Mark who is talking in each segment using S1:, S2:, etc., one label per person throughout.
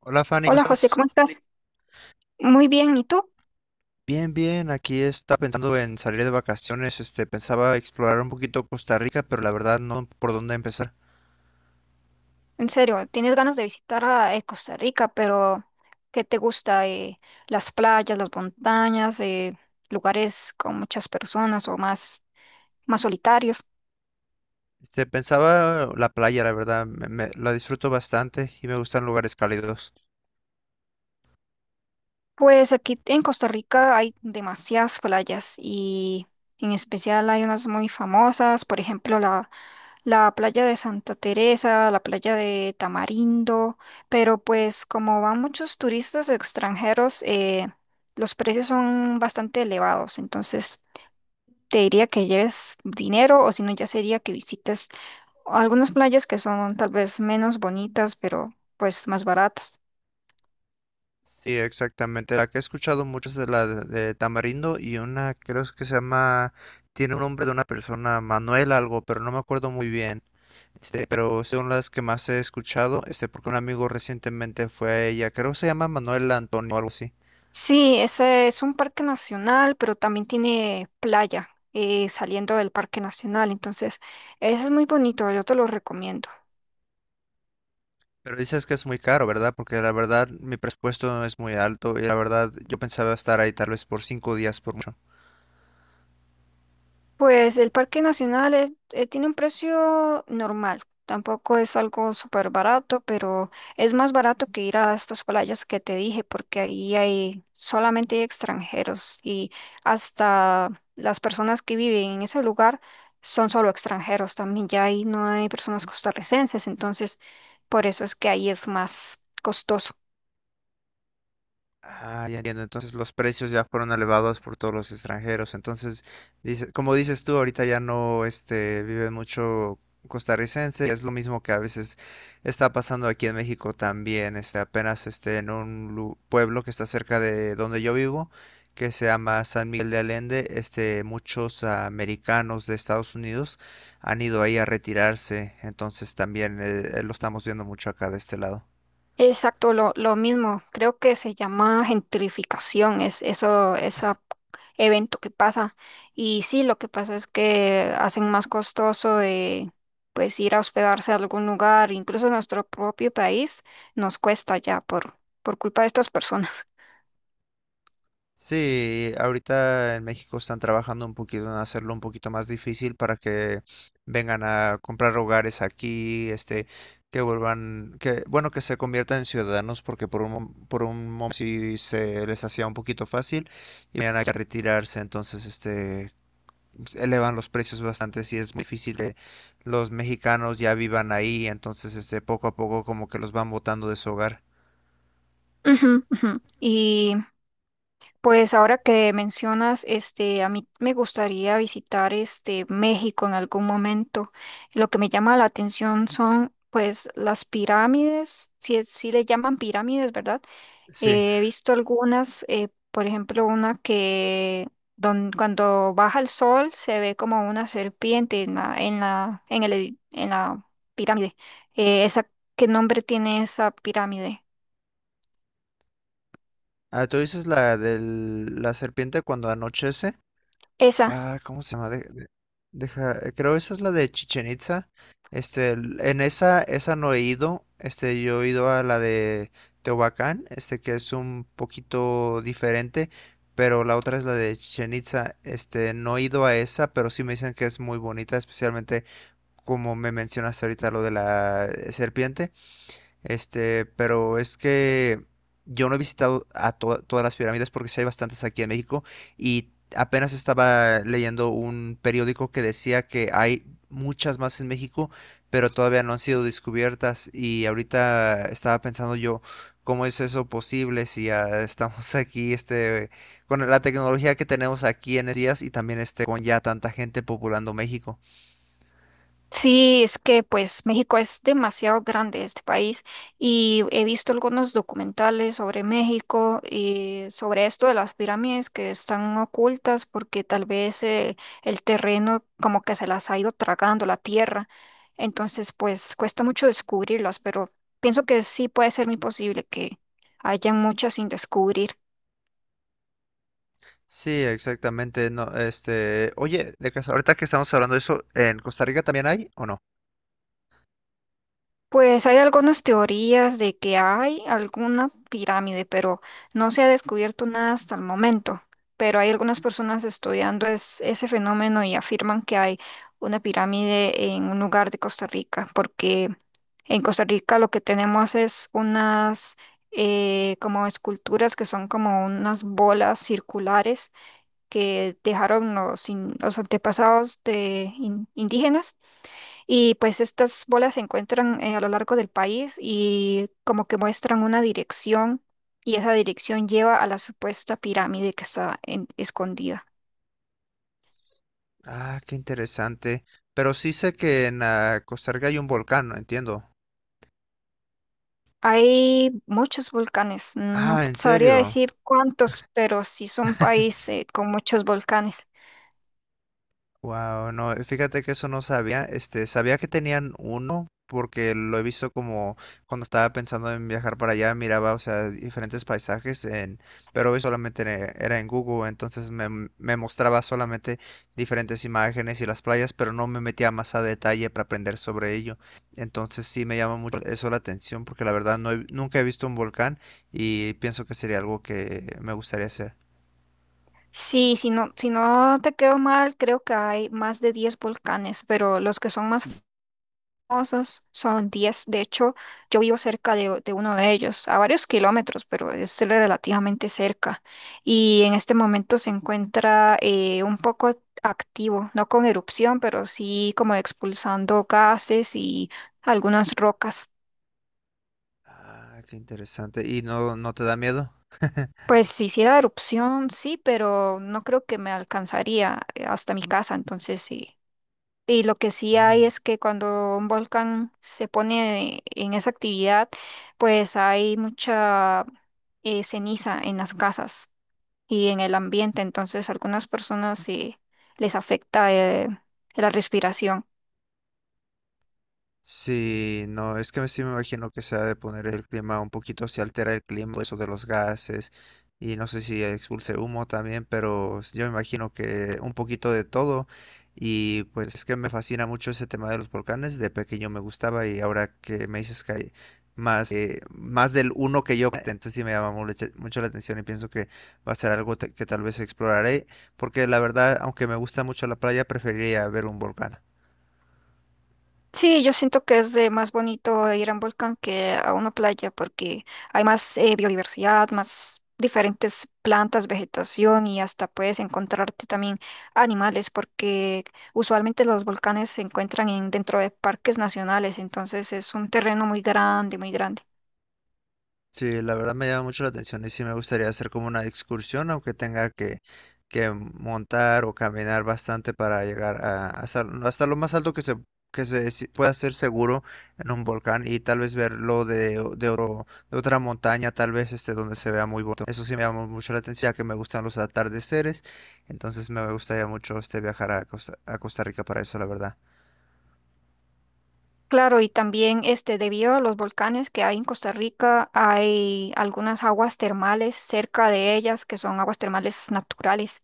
S1: Hola Fanny, ¿cómo
S2: Hola José,
S1: estás?
S2: ¿cómo estás? Muy bien, ¿y tú?
S1: Bien, bien, aquí está pensando en salir de vacaciones, pensaba explorar un poquito Costa Rica, pero la verdad no por dónde empezar.
S2: En serio, tienes ganas de visitar a Costa Rica, pero ¿qué te gusta? Las playas, las montañas, lugares con muchas personas o más solitarios.
S1: Pensaba la playa, la verdad, la disfruto bastante y me gustan lugares cálidos.
S2: Pues aquí en Costa Rica hay demasiadas playas y en especial hay unas muy famosas, por ejemplo la playa de Santa Teresa, la playa de Tamarindo, pero pues como van muchos turistas extranjeros, los precios son bastante elevados, entonces te diría que lleves dinero o si no ya sería que visites algunas playas que son tal vez menos bonitas, pero pues más baratas.
S1: Sí, exactamente. La que he escuchado mucho es de de Tamarindo y una creo que se llama, tiene un nombre de una persona, Manuel algo, pero no me acuerdo muy bien. Pero son las que más he escuchado, porque un amigo recientemente fue a ella, creo que se llama Manuel Antonio o algo así.
S2: Sí, ese es un parque nacional, pero también tiene playa saliendo del parque nacional, entonces ese es muy bonito, yo te lo recomiendo.
S1: Pero dices que es muy caro, ¿verdad? Porque la verdad mi presupuesto no es muy alto y la verdad yo pensaba estar ahí tal vez por 5 días por mucho.
S2: Pues el Parque Nacional tiene un precio normal, tampoco es algo súper barato, pero es más barato que ir a estas playas que te dije, porque ahí hay solamente hay extranjeros y hasta las personas que viven en ese lugar son solo extranjeros también, ya ahí no hay personas costarricenses, entonces por eso es que ahí es más costoso.
S1: Ah, ya entiendo. Entonces los precios ya fueron elevados por todos los extranjeros. Entonces, dice, como dices tú, ahorita ya no, vive mucho costarricense. Es lo mismo que a veces está pasando aquí en México también. En un pueblo que está cerca de donde yo vivo, que se llama San Miguel de Allende, muchos americanos de Estados Unidos han ido ahí a retirarse. Entonces también lo estamos viendo mucho acá de este lado.
S2: Exacto, lo mismo. Creo que se llama gentrificación, es eso, ese evento que pasa. Y sí, lo que pasa es que hacen más costoso pues ir a hospedarse a algún lugar, incluso en nuestro propio país, nos cuesta ya por culpa de estas personas.
S1: Sí, ahorita en México están trabajando un poquito en hacerlo un poquito más difícil para que vengan a comprar hogares aquí, que vuelvan, que, bueno, que se conviertan en ciudadanos, porque por por un momento sí se les hacía un poquito fácil y venían aquí a retirarse, entonces, elevan los precios bastante, sí es muy difícil que los mexicanos ya vivan ahí, entonces, poco a poco como que los van botando de su hogar.
S2: Ujú, ujú. Pues ahora que mencionas, a mí me gustaría visitar México en algún momento. Lo que me llama la atención son, pues, las pirámides, si le llaman pirámides, ¿verdad?
S1: Sí.
S2: He visto algunas, por ejemplo, una que cuando baja el sol se ve como una serpiente en la, en la, en el edi- en la pirámide. Eh, esa, ¿Qué nombre tiene esa pirámide?
S1: Ah, ¿tú dices la de la serpiente cuando anochece? Ah, ¿cómo se llama? Deja, creo esa es la de Chichen Itza. En esa, esa no he ido. Yo he ido a la de Teotihuacán, que es un poquito diferente, pero la otra es la de Chichen Itza. No he ido a esa, pero sí me dicen que es muy bonita, especialmente como me mencionaste ahorita lo de la serpiente. Pero es que yo no he visitado a todas las pirámides porque sí hay bastantes aquí en México y apenas estaba leyendo un periódico que decía que hay muchas más en México, pero todavía no han sido descubiertas y ahorita estaba pensando yo, ¿cómo es eso posible si ya estamos aquí, con la tecnología que tenemos aquí en estos días y también con ya tanta gente populando México?
S2: Sí, es que pues México es demasiado grande este país y he visto algunos documentales sobre México y sobre esto de las pirámides que están ocultas porque tal vez el terreno como que se las ha ido tragando la tierra. Entonces pues cuesta mucho descubrirlas, pero pienso que sí puede ser muy posible que hayan muchas sin descubrir.
S1: Sí, exactamente. No, oye, de casa, ahorita que estamos hablando de eso, ¿en Costa Rica también hay o no?
S2: Pues hay algunas teorías de que hay alguna pirámide, pero no se ha descubierto nada hasta el momento. Pero hay algunas personas estudiando ese fenómeno y afirman que hay una pirámide en un lugar de Costa Rica, porque en Costa Rica lo que tenemos es unas como esculturas que son como unas bolas circulares que dejaron los antepasados de indígenas y pues estas bolas se encuentran a lo largo del país y como que muestran una dirección y esa dirección lleva a la supuesta pirámide que está escondida.
S1: Ah, qué interesante. Pero sí sé que en Costa Rica hay un volcán, entiendo.
S2: Hay muchos volcanes, no
S1: Ah,
S2: te
S1: ¿en
S2: sabría
S1: serio?
S2: decir cuántos, pero sí son países con muchos volcanes.
S1: Wow, no, fíjate que eso no sabía, sabía que tenían uno porque lo he visto como cuando estaba pensando en viajar para allá, miraba, o sea, diferentes paisajes en, pero hoy solamente era en Google, entonces me mostraba solamente diferentes imágenes y las playas, pero no me metía más a detalle para aprender sobre ello. Entonces sí me llama mucho eso la atención porque la verdad nunca he visto un volcán y pienso que sería algo que me gustaría hacer.
S2: Sí, si no te quedo mal, creo que hay más de 10 volcanes, pero los que son más famosos, son 10. De hecho, yo vivo cerca de uno de ellos, a varios kilómetros, pero es relativamente cerca. Y en este momento se encuentra un poco activo, no con erupción, pero sí como expulsando gases y algunas rocas.
S1: Ah, qué interesante. ¿Y no te da miedo?
S2: Pues si hiciera erupción, sí, pero no creo que me alcanzaría hasta mi casa, entonces sí. Y lo que sí hay
S1: Mm.
S2: es que cuando un volcán se pone en esa actividad, pues hay mucha ceniza en las casas y en el ambiente. Entonces, algunas personas sí les afecta la respiración.
S1: Sí, no, es que sí me imagino que se ha de poner el clima un poquito, se altera el clima, eso de los gases, y no sé si expulse humo también, pero yo me imagino que un poquito de todo, y pues es que me fascina mucho ese tema de los volcanes, de pequeño me gustaba, y ahora que me dices que hay más, más del uno que yo, entonces sí me llama mucho mucho la atención y pienso que va a ser que tal vez exploraré, porque la verdad, aunque me gusta mucho la playa, preferiría ver un volcán.
S2: Sí, yo siento que es más bonito ir a un volcán que a una playa porque hay más biodiversidad, más diferentes plantas, vegetación y hasta puedes encontrarte también animales porque usualmente los volcanes se encuentran dentro de parques nacionales, entonces es un terreno muy grande, muy grande.
S1: Sí, la verdad me llama mucho la atención y sí me gustaría hacer como una excursión, aunque que montar o caminar bastante para llegar a, hasta lo más alto que se pueda hacer seguro en un volcán y tal vez verlo de, o- de, oro- de otra montaña, tal vez este donde se vea muy bonito. Eso sí me llama mucho la atención, ya que me gustan los atardeceres, entonces me gustaría mucho este viajar a a Costa Rica para eso, la verdad.
S2: Claro, y también debido a los volcanes que hay en Costa Rica, hay algunas aguas termales cerca de ellas que son aguas termales naturales.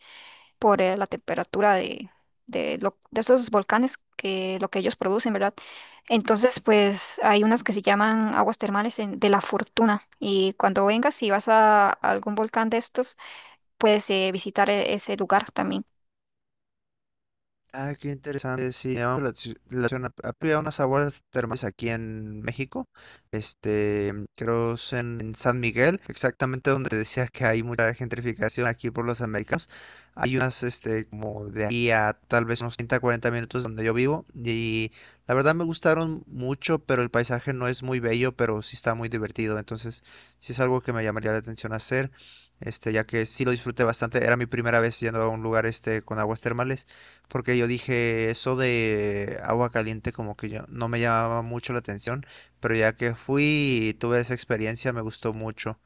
S2: Por la temperatura de esos volcanes que lo que ellos producen, ¿verdad? Entonces, pues hay unas que se llaman aguas termales de la fortuna y cuando vengas y vas a algún volcán de estos, puedes visitar ese lugar también.
S1: Ah, qué interesante. Sí, llamamos la atención. Ha habido unas aguas termales aquí en México. Creo es en San Miguel, exactamente donde te decía que hay mucha gentrificación aquí por los americanos. Hay unas, como de aquí a tal vez unos 30, 40 minutos donde yo vivo. Y la verdad me gustaron mucho, pero el paisaje no es muy bello, pero sí está muy divertido. Entonces, sí es algo que me llamaría la atención hacer. Ya que sí lo disfruté bastante. Era mi primera vez yendo a un lugar este con aguas termales porque yo dije eso de agua caliente como que yo no me llamaba mucho la atención, pero ya que fui y tuve esa experiencia me gustó mucho.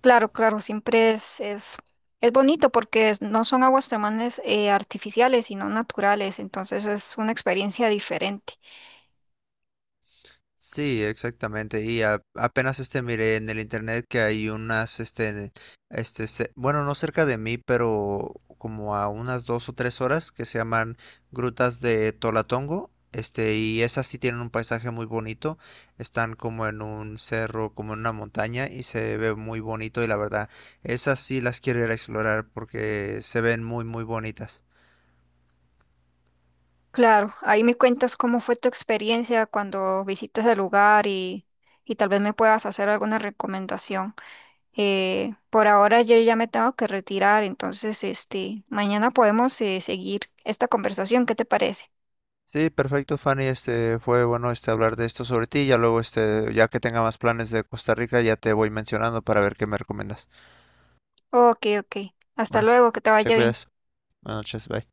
S2: Claro, claro, siempre es bonito porque no son aguas termales artificiales, sino naturales, entonces es una experiencia diferente.
S1: Sí, exactamente. Y apenas este miré en el internet que hay unas, bueno, no cerca de mí, pero como a unas 2 o 3 horas que se llaman Grutas de Tolatongo. Y esas sí tienen un paisaje muy bonito. Están como en un cerro, como en una montaña y se ve muy bonito. Y la verdad, esas sí las quiero ir a explorar porque se ven muy, muy bonitas.
S2: Claro, ahí me cuentas cómo fue tu experiencia cuando visitas el lugar y tal vez me puedas hacer alguna recomendación. Por ahora yo ya me tengo que retirar, entonces mañana podemos seguir esta conversación, ¿qué te parece?
S1: Sí, perfecto, Fanny. Este fue bueno este hablar de esto sobre ti. Ya luego ya que tenga más planes de Costa Rica, ya te voy mencionando para ver qué me recomiendas.
S2: Ok, ok. Hasta
S1: Bueno,
S2: luego, que te
S1: te
S2: vaya bien.
S1: cuidas. Buenas noches, bye.